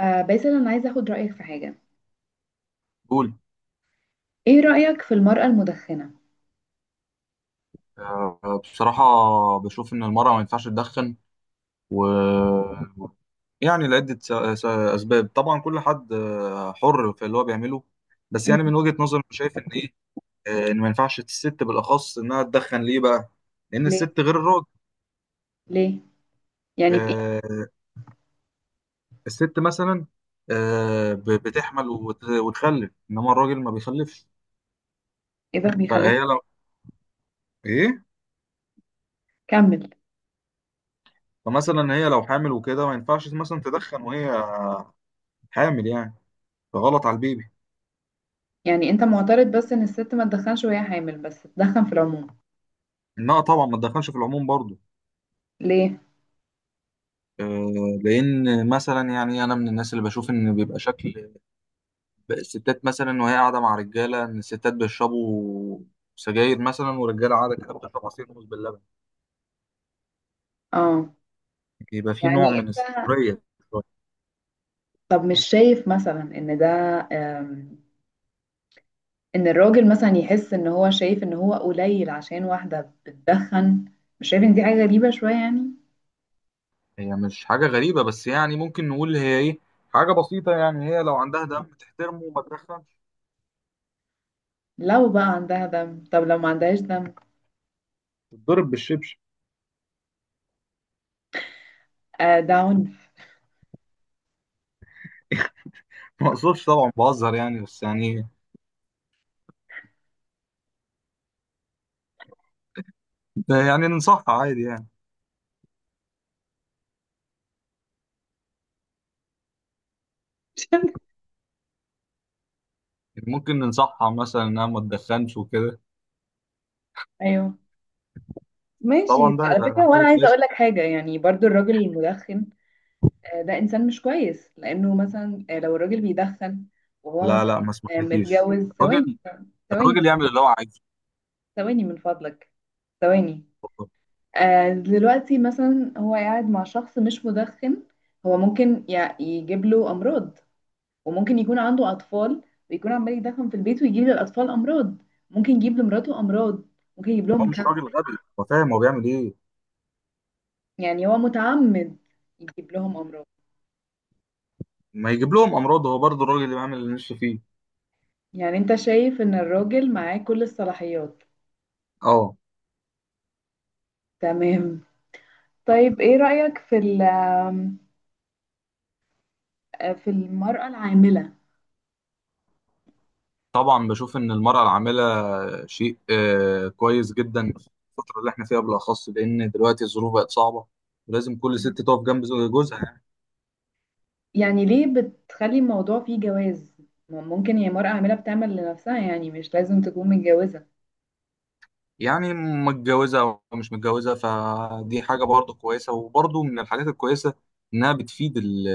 آه باسل، انا عايزه اخد رايك في حاجه. قول. ايه رايك في المراه المدخنه؟ بصراحة، بشوف إن المرأة ما ينفعش تدخن، و يعني لعدة أسباب. طبعا كل حد حر في اللي هو بيعمله. بس مم. يعني من وجهة نظري أنا شايف إن إيه آه، إن ما ينفعش الست بالأخص إنها تدخن، ليه بقى؟ لأن ليه الست غير الراجل. ليه؟ يعني في ايه؟ آه، الست مثلا بتحمل وتخلف، إنما الراجل ما بيخلفش. ايه ده بيخليك؟ فهي لو إيه؟ كمل. فمثلا هي لو حامل وكده، ما ينفعش مثلا تدخن وهي حامل يعني، فغلط على البيبي. يعني انت معترض بس ان الست ما تدخنش وهي حامل، بس تدخن في العموم؟ لا طبعا، ما تدخلش في العموم برضو. ليه؟ لان مثلا يعني انا من الناس اللي بشوف ان بيبقى شكل الستات مثلا وهي قاعده مع رجاله، ان الستات بيشربوا سجاير مثلا، ورجاله قاعده كده بتشرب عصير موز باللبن، اه، بيبقى في نوع يعني من انت، السخريه شوية. طب مش شايف مثلا ان ده، آم، ان الراجل مثلا يحس ان هو شايف ان هو قليل عشان واحده بتدخن؟ مش شايف ان دي حاجه غريبه شويه يعني؟ هي مش حاجه غريبه، بس يعني ممكن نقول هي ايه حاجه بسيطه، يعني هي لو عندها دم تحترمه وما تدخلش لو بقى عندها دم، طب لو ما عندهاش دم؟ تتضرب بالشبشب. آه، ده عنف. ما اقصدش طبعا، بهزر يعني، بس يعني ننصحها عادي يعني. ممكن ننصحها مثلا انها ما تدخنش وكده. ايوه، ماشي. طبعا، ده على فكرة يبقى حاجه وانا عايزة كويسه. اقول لك حاجة، يعني برضو الراجل المدخن، ده انسان مش كويس لانه مثلا، لو الراجل بيدخن وهو لا، مثلا، لا، ما اسمحلكيش. متجوز. ثواني، الراجل ثواني الراجل يعمل اللي هو عايزه. ثواني من فضلك، ثواني، دلوقتي مثلا هو قاعد مع شخص مش مدخن، هو ممكن يجيب له امراض. وممكن يكون عنده اطفال ويكون عمال يدخن في البيت ويجيب للاطفال امراض، ممكن يجيب لمراته امراض، ممكن يجيب هو لهم مش راجل كانسر. غبي، هو فاهم هو بيعمل ايه. يعني هو متعمد يجيب لهم امراض؟ ما يجيب لهم امراض، هو برضه الراجل اللي بيعمل اللي نفسه فيه. يعني انت شايف ان الراجل معاه كل الصلاحيات. اه. تمام. طيب ايه رأيك في في المرأة العاملة؟ طبعا بشوف ان المراه العامله شيء كويس جدا في الفتره اللي احنا فيها بالاخص، لان دلوقتي الظروف بقت صعبه، ولازم كل ست تقف جنب جوزها يعني. يعني ليه بتخلي الموضوع فيه جواز؟ ما ممكن هي مرأة عاملة بتعمل لنفسها، يعني مش لازم تكون متجوزة. يعني متجوزه او مش متجوزه، فدي حاجه برضه كويسه، وبرضه من الحاجات الكويسه انها بتفيد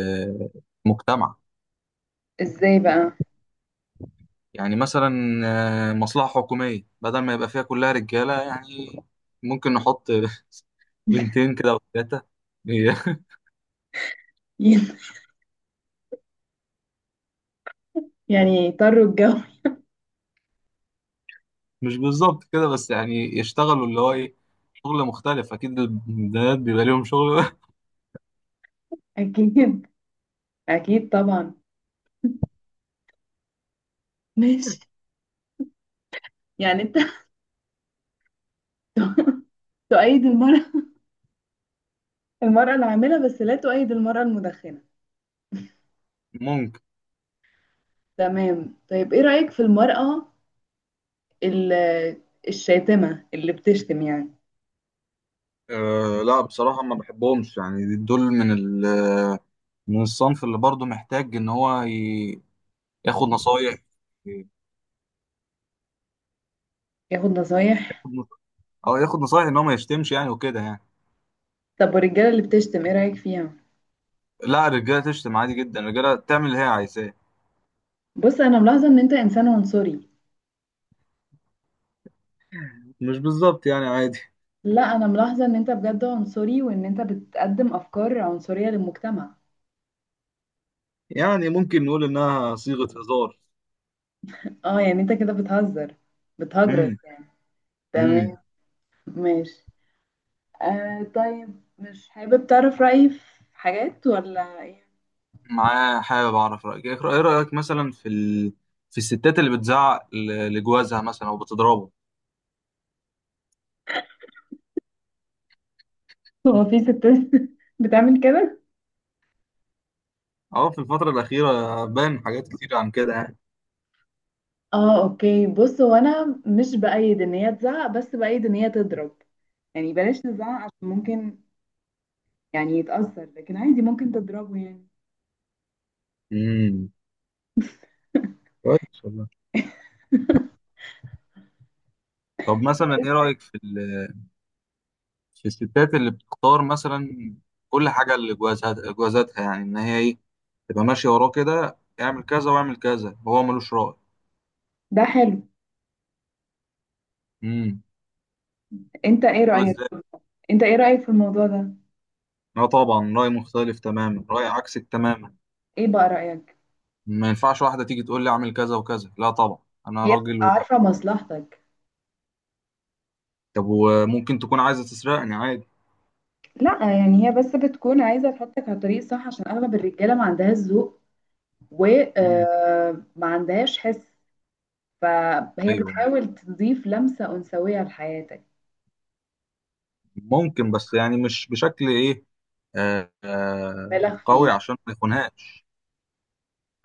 المجتمع. ازاي بقى؟ يعني مثلا مصلحة حكومية، بدل ما يبقى فيها كلها رجالة يعني، ممكن نحط بنتين كده وثلاثة. يعني يضطروا الجو. مش بالظبط كده، بس يعني يشتغلوا اللي هو ايه، شغل مختلف. أكيد البنات بيبقى ليهم شغل. اكيد، اكيد طبعا. ماشي. يعني انت تؤيد المرأة، المرأة العاملة بس لا تؤيد المرأة المدخنة. ممكن. تمام. طيب ايه رأيك في المرأة ال- الشاتمة، اللي بتشتم يعني؟ أه، لا بصراحة ما بحبهمش، يعني دول من من الصنف اللي برضه محتاج إن هو ياخد نصايح، ياخد ياخد نصايح. نص- أو ياخد نصايح إن هو ما يشتمش يعني وكده يعني. طب والرجالة اللي بتشتم ايه رأيك فيها؟ لا، الرجالة تشتم عادي جدا، الرجالة تعمل اللي هي عايزاه. بص، انا ملاحظة ان انت انسان عنصري. مش بالظبط يعني، عادي، لا، انا ملاحظة ان انت بجد عنصري، وان انت بتقدم افكار عنصرية للمجتمع. يعني ممكن نقول انها صيغة هزار. اه، يعني انت كده بتهزر، بتهجرس امم يعني. امم تمام. ماشي. طيب مش حابب تعرف رأيي في حاجات ولا ايه؟ معاه، حابب اعرف رأيك ايه. رأيك مثلا في في الستات اللي بتزعق لجوازها مثلا او بتضربه. هو في ستات بتعمل كده؟ اه، في الفترة الأخيرة بان حاجات كتير عن كده يعني. اه، اوكي. بص، هو انا مش بأيد ان هي تزعق، بس بأيد ان هي تضرب. يعني بلاش نزعق عشان ممكن يعني يتأثر، لكن عادي ممكن تضربه يعني. امم كويس والله. طب مثلا ايه رأيك في في الستات اللي بتختار مثلا كل حاجة لجوازها جوازاتها، يعني ان هي ايه تبقى ماشية وراه كده، اعمل كذا واعمل كذا وهو ملوش رأي. ده حلو. امم انت ايه رأيك؟ انت ايه رأيك في الموضوع ده؟ لا طبعا، رأي مختلف تماما، رأي عكسك تماما. ايه بقى رأيك؟ ما ينفعش واحدة تيجي تقول لي اعمل كذا وكذا، لا طبعا، أنا هي راجل بتبقى و... عارفة مصلحتك. طب وممكن تكون عايزة تسرقني عادي. لا، يعني هي بس بتكون عايزة تحطك على الطريق الصح، عشان اغلب الرجالة ما عندهاش ذوق، مم. وما عندهاش حس. فهي أيوه، بتحاول تضيف لمسة أنثوية لحياتك. ممكن بس يعني مش بشكل إيه آه مبالغ آه فيه. قوي عشان ما يخونهاش.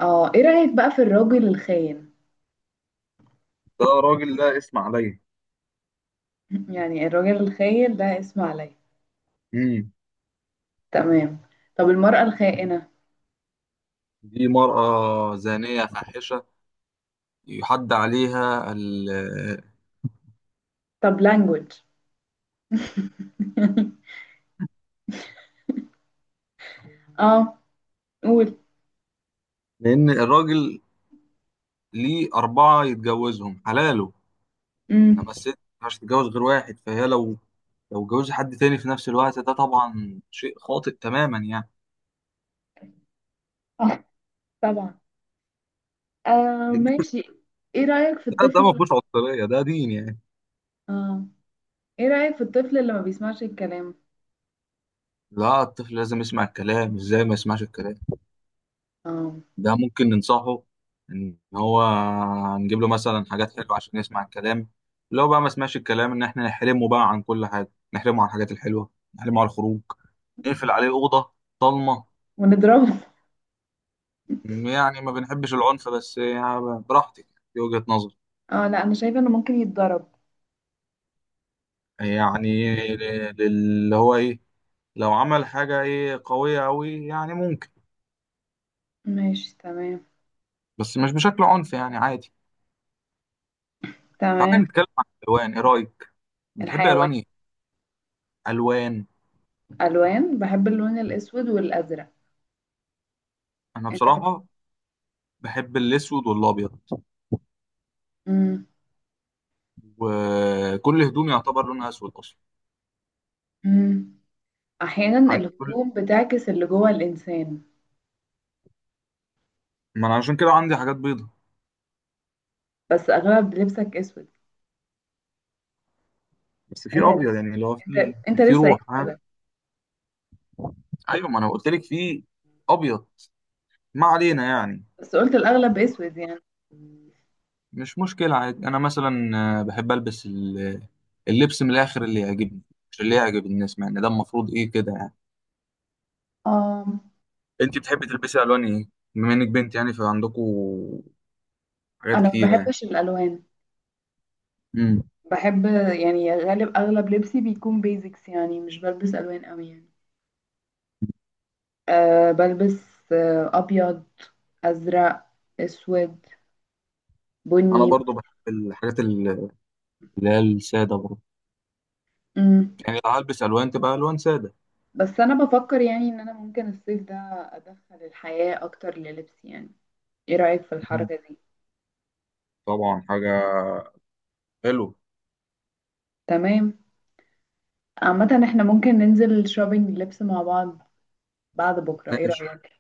اه، ايه رأيك بقى في الراجل الخاين؟ ده راجل، ده اسم عليا. يعني الراجل الخاين ده اسم عليا. مم. تمام. طب المرأة الخائنة؟ دي مرأة زانية فاحشة، يحد عليها. طب language. اه، قول. لأن الراجل ليه أربعة يتجوزهم حلاله. انا، امم. بس انت مش هتتجوز غير واحد، فهي لو اتجوزت حد تاني في نفس الوقت، ده طبعا شيء خاطئ تماما يعني. اه، طبعا. ماشي. ايه رأيك في ده الطفل ما فيهوش عنصريه، ده دين يعني. اه، ايه رأيك في الطفل اللي ما بيسمعش الكلام؟ لا، الطفل لازم يسمع الكلام، ازاي ما يسمعش الكلام. اه. ده ممكن ننصحه ان هو نجيب له مثلا حاجات حلوه عشان يسمع الكلام. لو بقى ما سمعش الكلام، ان احنا نحرمه بقى عن كل حاجه، نحرمه عن الحاجات الحلوه، نحرمه عن الخروج، نقفل عليه اوضه ضلمه. ونضربه يعني ما بنحبش العنف، بس يعني براحتك، دي وجهه نظري. اه، لا، انا شايفة انه ممكن يتضرب. يعني اللي هو ايه، لو عمل حاجة ايه قوية قوي يعني ممكن. ماشي، تمام. بس مش بشكل عنف، يعني عادي. تعالى تمام. نتكلم عن الالوان، ايه رأيك، بتحب الحيوان؟ الوان ايه؟ الوان. الوان. بحب اللون الاسود والازرق. انا انت. بصراحة بحب الاسود والابيض، مم. وكل هدومي يعتبر لونها اسود اصلا. مم. احيانا عندي كل الهدوم بتعكس اللي جوه الانسان. ما انا عشان كده عندي حاجات بيضة، بس اغلب لبسك اسود. بس في انت ابيض يعني اللي هو انت في انت في لسه قايل روح ها. كده. ايوه، ما انا قلت لك في ابيض. ما علينا يعني. بس قلت الأغلب أسود يعني. مش مشكلة، عادي. أنا مثلا بحب ألبس اللبس من الآخر اللي يعجبني، مش اللي يعجب الناس، مع إن ده المفروض إيه كده يعني. آه أنت بتحبي تلبسي ألوان إيه؟ بما إنك بنت يعني فعندكوا حاجات أنا ما كتير يعني. بحبش الألوان. امم بحب، يعني غالب أغلب لبسي بيكون بيزكس، يعني مش بلبس ألوان أوي يعني. أه بلبس، أبيض، أزرق، أسود، أنا بني. برضو بحب الحاجات اللي هي السادة برضو. مم. يعني لو هلبس ألوان تبقى ألوان سادة. بس أنا بفكر يعني إن أنا ممكن الصيف ده أدخل الحياة أكتر للبسي يعني. إيه رأيك في مم. الحركة دي؟ طبعا، حاجة حلوة. تمام. عامة إحنا ممكن ننزل شوبينج لبس مع بعض بعد بكرة، إيه ماشي، رأيك؟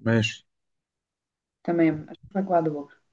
ماشي. تمام، أشوفك بعد بكرة.